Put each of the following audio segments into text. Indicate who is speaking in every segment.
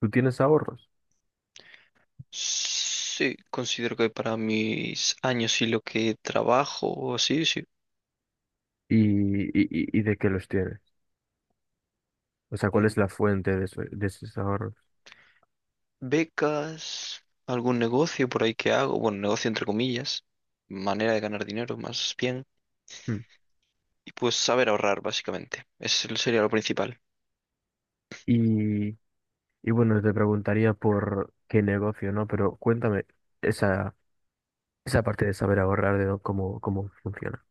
Speaker 1: Tú tienes ahorros
Speaker 2: Sí, considero que para mis años y lo que trabajo o así, sí.
Speaker 1: y, y de qué los tienes. O sea, ¿cuál
Speaker 2: Mm,
Speaker 1: es la fuente de esos ahorros?
Speaker 2: Becas, algún negocio por ahí que hago, bueno, negocio entre comillas, manera de ganar dinero más bien,
Speaker 1: Hmm.
Speaker 2: y pues saber ahorrar básicamente, eso sería lo principal.
Speaker 1: Y, y bueno, te preguntaría por qué negocio, ¿no? Pero cuéntame esa, esa parte de saber ahorrar, cómo, cómo funciona.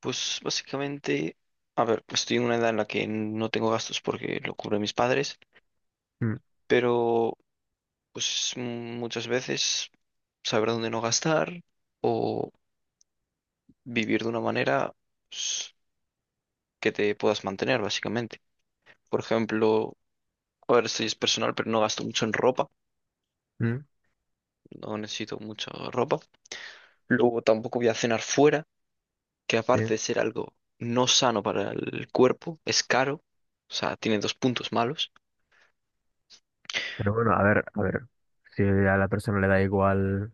Speaker 2: Pues básicamente, a ver, pues estoy en una edad en la que no tengo gastos porque lo cubren mis padres,
Speaker 1: Hmm,
Speaker 2: pero pues muchas veces saber dónde no gastar o vivir de una manera, pues, que te puedas mantener, básicamente. Por ejemplo, a ahora estoy es personal, pero no gasto mucho en ropa,
Speaker 1: hmm,
Speaker 2: no necesito mucha ropa. Luego tampoco voy a cenar fuera, que
Speaker 1: sí.
Speaker 2: aparte de ser algo no sano para el cuerpo, es caro, o sea, tiene dos puntos malos.
Speaker 1: Pero bueno, a ver, si a la persona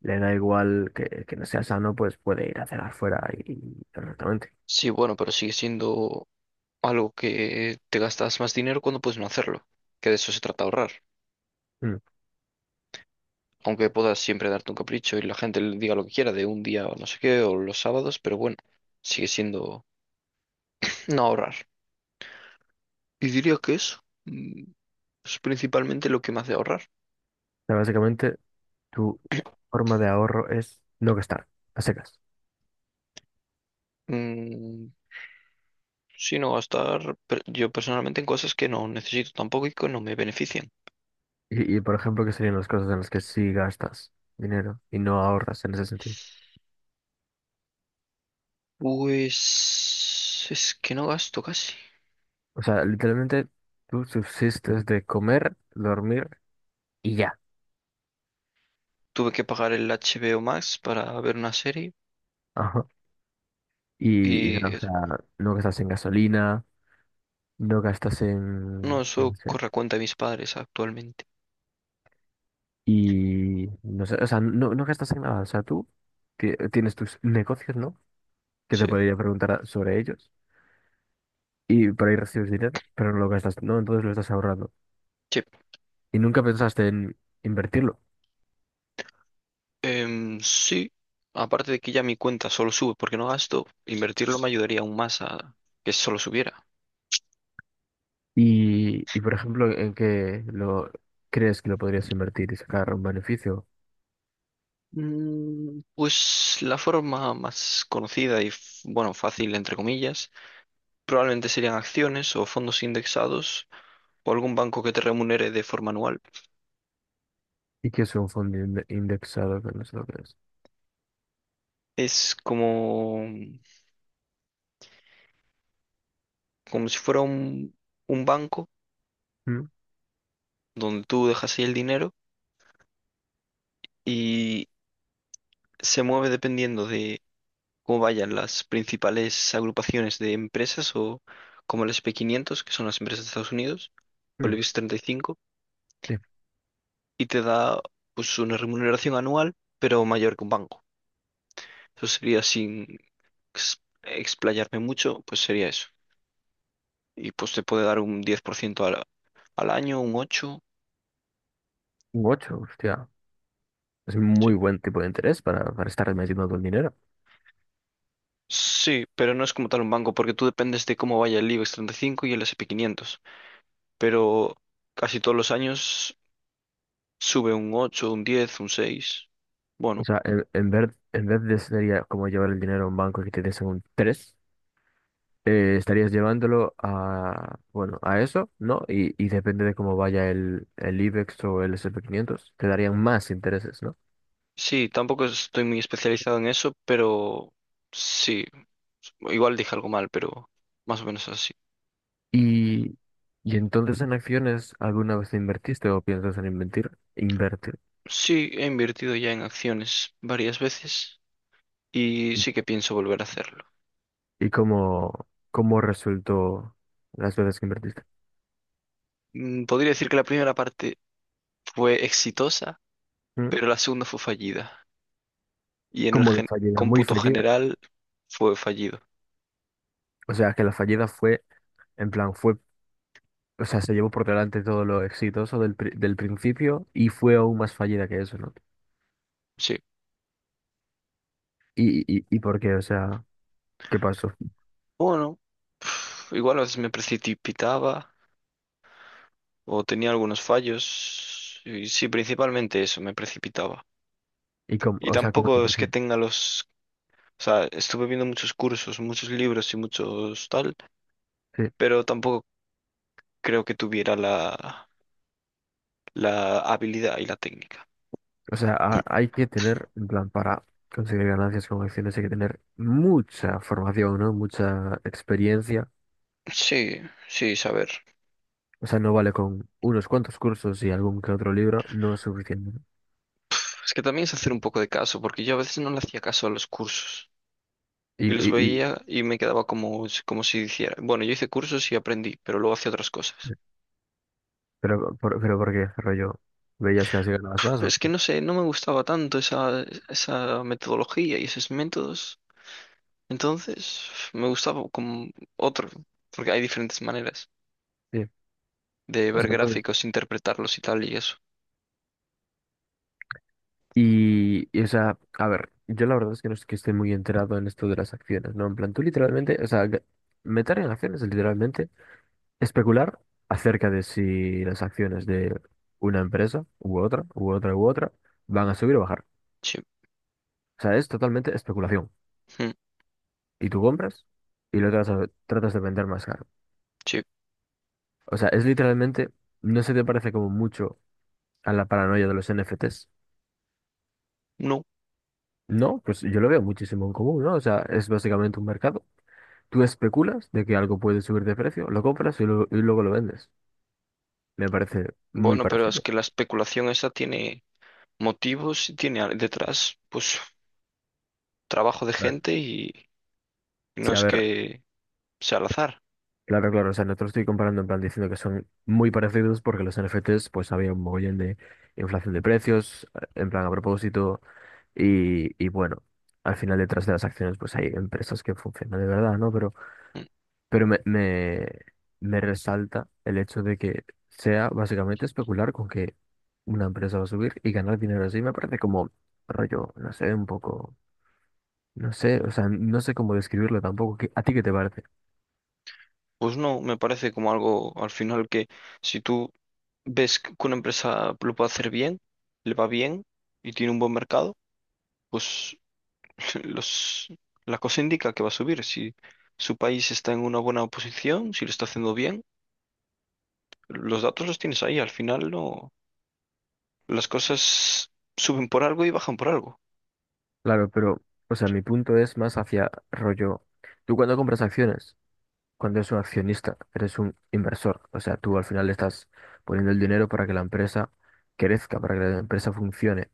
Speaker 1: le da igual que no sea sano, pues puede ir a cenar fuera y perfectamente.
Speaker 2: Sí, bueno, pero sigue siendo algo que te gastas más dinero cuando puedes no hacerlo, que de eso se trata ahorrar.
Speaker 1: Hmm. O
Speaker 2: Aunque puedas siempre darte un capricho y la gente le diga lo que quiera de un día o no sé qué, o los sábados, pero bueno, sigue siendo no ahorrar. Y diría que eso. Es principalmente lo que me hace ahorrar.
Speaker 1: sea, básicamente, tu forma de ahorro es no gastar, a secas.
Speaker 2: Mm, Sino gastar yo personalmente en cosas que no necesito tampoco y que no me benefician.
Speaker 1: Y, por ejemplo, ¿qué serían las cosas en las que sí gastas dinero y no ahorras en ese sentido?
Speaker 2: Pues es que no gasto casi.
Speaker 1: O sea, literalmente tú subsistes de comer, dormir y ya.
Speaker 2: Tuve que pagar el HBO Max para ver una serie
Speaker 1: Ajá. Y nada,
Speaker 2: y
Speaker 1: o sea, no gastas en gasolina, no gastas
Speaker 2: no,
Speaker 1: en, no
Speaker 2: eso
Speaker 1: sé,
Speaker 2: corre a cuenta de mis padres actualmente.
Speaker 1: y no sé, o sea, no gastas en nada. O sea, tú tienes tus negocios, ¿no? Que te
Speaker 2: Sí.
Speaker 1: podría preguntar sobre ellos y por ahí recibes dinero, pero no lo gastas, ¿no? Entonces lo estás ahorrando.
Speaker 2: Sí.
Speaker 1: Y nunca pensaste en invertirlo.
Speaker 2: Sí. Aparte de que ya mi cuenta solo sube porque no gasto, invertirlo me ayudaría aún más a que solo subiera.
Speaker 1: Y por ejemplo, ¿en qué lo crees que lo podrías invertir y sacar un beneficio?
Speaker 2: Pues la forma más conocida y, bueno, fácil, entre comillas, probablemente serían acciones o fondos indexados o algún banco que te remunere de forma anual.
Speaker 1: ¿Y qué es un fondo indexado que no sé lo que es?
Speaker 2: Es como, como si fuera un banco
Speaker 1: ¿Mm?
Speaker 2: donde tú dejas ahí el dinero y se mueve dependiendo de cómo vayan las principales agrupaciones de empresas o como el S&P 500, que son las empresas de Estados Unidos, o el
Speaker 1: Mm,
Speaker 2: IBEX 35,
Speaker 1: sí,
Speaker 2: y te da pues una remuneración anual, pero mayor que un banco. Eso sería sin explayarme mucho, pues sería eso. Y pues te puede dar un 10% al año, un 8,
Speaker 1: un ocho hostia. Es un
Speaker 2: sí.
Speaker 1: muy buen tipo de interés para estar metiendo todo el dinero.
Speaker 2: Sí, pero no es como tal un banco, porque tú dependes de cómo vaya el IBEX 35 y el S y P 500, pero casi todos los años sube un ocho, un 10, un seis.
Speaker 1: O
Speaker 2: Bueno,
Speaker 1: sea, en vez de sería como llevar el dinero a un banco y que te des un 3 estarías llevándolo a, bueno, a eso, ¿no? Y depende de cómo vaya el IBEX o el S&P 500, te darían más intereses, no.
Speaker 2: sí, tampoco estoy muy especializado en eso, pero sí, igual dije algo mal, pero más o menos así.
Speaker 1: Y, y entonces en acciones, ¿alguna vez invertiste o piensas en invertir? Invertir.
Speaker 2: Sí, he invertido ya en acciones varias veces y sí que pienso volver a hacerlo.
Speaker 1: ¿Y cómo, cómo resultó las veces que invertiste?
Speaker 2: Podría decir que la primera parte fue exitosa,
Speaker 1: ¿Mm?
Speaker 2: pero la segunda fue fallida. Y en el
Speaker 1: Como de fallida, muy
Speaker 2: cómputo
Speaker 1: fallida?
Speaker 2: general fue fallido.
Speaker 1: O sea, que la fallida fue, en plan, fue, o sea, se llevó por delante todo lo exitoso del principio y fue aún más fallida que eso, ¿no?
Speaker 2: Sí.
Speaker 1: Y por qué? O sea, ¿qué pasó?
Speaker 2: Bueno, igual a veces me precipitaba o tenía algunos fallos. Y sí, principalmente eso, me precipitaba.
Speaker 1: ¿Y cómo,
Speaker 2: Y
Speaker 1: o sea, cómo te
Speaker 2: tampoco es que
Speaker 1: percibes?
Speaker 2: tenga los. O sea, estuve viendo muchos cursos, muchos libros y muchos tal, pero tampoco creo que tuviera la habilidad y la técnica.
Speaker 1: O sea, hay que tener, en plan, para conseguir ganancias con acciones, hay que tener mucha formación, ¿no? Mucha experiencia.
Speaker 2: Sí, sí, saber.
Speaker 1: O sea, no vale con unos cuantos cursos y algún que otro libro, no es suficiente, ¿no?
Speaker 2: Es que también es hacer un poco de caso, porque yo a veces no le hacía caso a los cursos.
Speaker 1: Y,
Speaker 2: Y los
Speaker 1: y, y
Speaker 2: veía y me quedaba como, como si hiciera. Bueno, yo hice cursos y aprendí, pero luego hacía otras cosas.
Speaker 1: pero ¿por qué, rollo? ¿Veías que así ganabas más
Speaker 2: Pero
Speaker 1: o
Speaker 2: es que
Speaker 1: qué?
Speaker 2: no sé, no me gustaba tanto esa metodología y esos métodos. Entonces, me gustaba como otro, porque hay diferentes maneras
Speaker 1: Sí.
Speaker 2: de
Speaker 1: O
Speaker 2: ver
Speaker 1: sea, entonces,
Speaker 2: gráficos, interpretarlos y tal y eso.
Speaker 1: y, o sea, a ver, yo la verdad es que no es que esté muy enterado en esto de las acciones, ¿no? En plan, tú literalmente, o sea, meter en acciones es literalmente especular acerca de si las acciones de una empresa u otra, u otra, u otra, van a subir o bajar.
Speaker 2: Sí,
Speaker 1: O sea, es totalmente especulación.
Speaker 2: mm,
Speaker 1: Y tú compras y lo tratas, tratas de vender más caro.
Speaker 2: sí,
Speaker 1: O sea, es literalmente, ¿no se te parece como mucho a la paranoia de los NFTs?
Speaker 2: no.
Speaker 1: No, pues yo lo veo muchísimo en común, ¿no? O sea, es básicamente un mercado. Tú especulas de que algo puede subir de precio, lo compras y, y luego lo vendes. Me parece muy
Speaker 2: Bueno, pero es
Speaker 1: parecido.
Speaker 2: que la especulación esa tiene motivos si tiene detrás, pues trabajo de
Speaker 1: A ver,
Speaker 2: gente y no
Speaker 1: sí, a
Speaker 2: es
Speaker 1: ver,
Speaker 2: que sea al azar.
Speaker 1: claro, claro, o sea, no te lo estoy comparando en plan diciendo que son muy parecidos porque los NFTs pues había un mogollón de inflación de precios, en plan a propósito, y bueno, al final detrás de las acciones pues hay empresas que funcionan de verdad, ¿no?
Speaker 2: Mm,
Speaker 1: Pero me, me resalta el hecho de que sea básicamente especular con que una empresa va a subir y ganar dinero así, me parece como rollo, no sé, un poco, no sé, o sea, no sé cómo describirlo tampoco, ¿a ti qué te parece?
Speaker 2: Pues no, me parece como algo al final que si tú ves que una empresa lo puede hacer bien, le va bien y tiene un buen mercado, pues los, la cosa indica que va a subir. Si su país está en una buena posición, si lo está haciendo bien, los datos los tienes ahí. Al final no, las cosas suben por algo y bajan por algo.
Speaker 1: Claro, pero, o sea, mi punto es más hacia rollo. Tú cuando compras acciones, cuando eres un accionista, eres un inversor. O sea, tú al final le estás poniendo el dinero para que la empresa crezca, para que la empresa funcione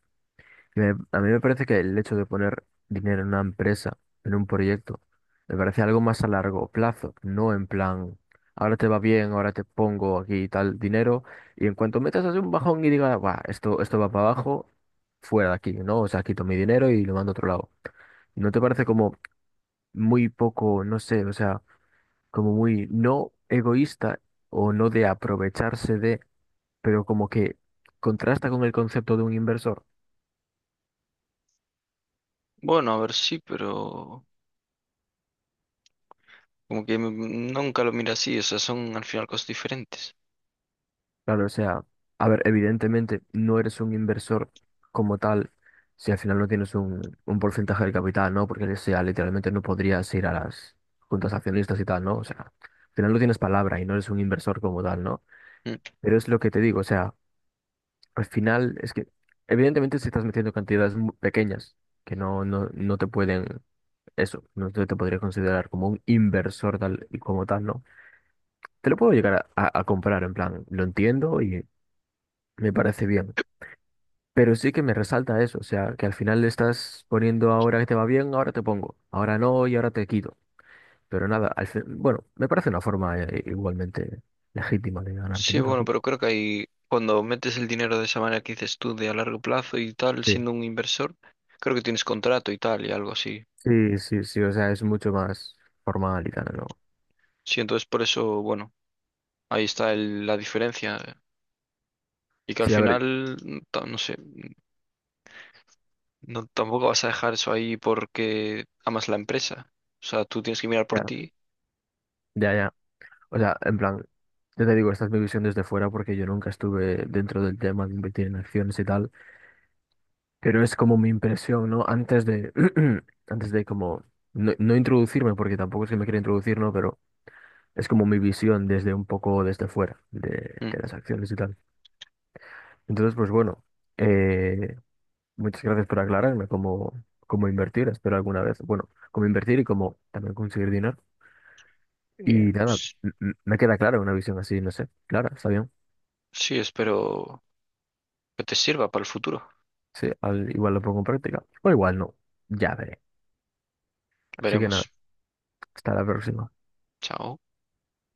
Speaker 1: a mí me parece que el hecho de poner dinero en una empresa, en un proyecto, me parece algo más a largo plazo, no en plan, ahora te va bien, ahora te pongo aquí tal dinero, y en cuanto metas así un bajón y digas, "Buah, esto va para abajo, fuera de aquí", ¿no? O sea, quito mi dinero y lo mando a otro lado. ¿No te parece como muy poco, no sé, o sea, como muy no egoísta o no de aprovecharse de, pero como que contrasta con el concepto de un inversor?
Speaker 2: Bueno, a ver, sí, pero como que nunca lo mira así, o sea, son al final cosas diferentes.
Speaker 1: Claro, o sea, a ver, evidentemente no eres un inversor como tal si al final no tienes un porcentaje del capital, ¿no? Porque, o sea, literalmente no podrías ir a las juntas accionistas y tal, ¿no? O sea, al final no tienes palabra y no eres un inversor como tal, ¿no?
Speaker 2: Mm.
Speaker 1: Pero es lo que te digo, o sea, al final es que, evidentemente si estás metiendo cantidades pequeñas que no te pueden, eso, no te, te podría considerar como un inversor tal y como tal, ¿no? Te lo puedo llegar a a comprar, en plan, lo entiendo y me parece bien. Pero sí que me resalta eso, o sea, que al final le estás poniendo ahora que te va bien, ahora te pongo, ahora no y ahora te quito. Pero nada, bueno, me parece una forma igualmente legítima de ganar
Speaker 2: Sí,
Speaker 1: dinero,
Speaker 2: bueno,
Speaker 1: ¿no?
Speaker 2: pero creo que ahí, cuando metes el dinero de esa manera que dices tú, de a largo plazo y tal,
Speaker 1: Sí,
Speaker 2: siendo un inversor, creo que tienes contrato y tal, y algo así.
Speaker 1: sí, sí, sí, o sea, es mucho más formal y tal, ¿no?
Speaker 2: Sí, entonces por eso, bueno, ahí está la diferencia. Y que al
Speaker 1: Sí, a ver,
Speaker 2: final, no sé, no, tampoco vas a dejar eso ahí porque amas la empresa. O sea, tú tienes que mirar por
Speaker 1: ya,
Speaker 2: ti.
Speaker 1: ya, ya. O sea, en plan, ya te digo, esta es mi visión desde fuera porque yo nunca estuve dentro del tema de invertir en acciones y tal, pero es como mi impresión, ¿no? Antes de, antes de como, no introducirme, porque tampoco es que me quiera introducir, ¿no? Pero es como mi visión desde un poco desde fuera
Speaker 2: Mm.
Speaker 1: de las acciones y tal. Entonces, pues bueno, eh, muchas gracias por aclararme cómo, cómo invertir, espero alguna vez, bueno, cómo invertir y cómo también conseguir dinero.
Speaker 2: Eh,
Speaker 1: Y nada,
Speaker 2: s-
Speaker 1: me queda clara una visión así, no sé, clara, está bien.
Speaker 2: sí, espero que te sirva para el futuro.
Speaker 1: Sí, igual lo pongo en práctica, o igual no, ya veré. Así que
Speaker 2: Veremos.
Speaker 1: nada, hasta la próxima.
Speaker 2: Chao.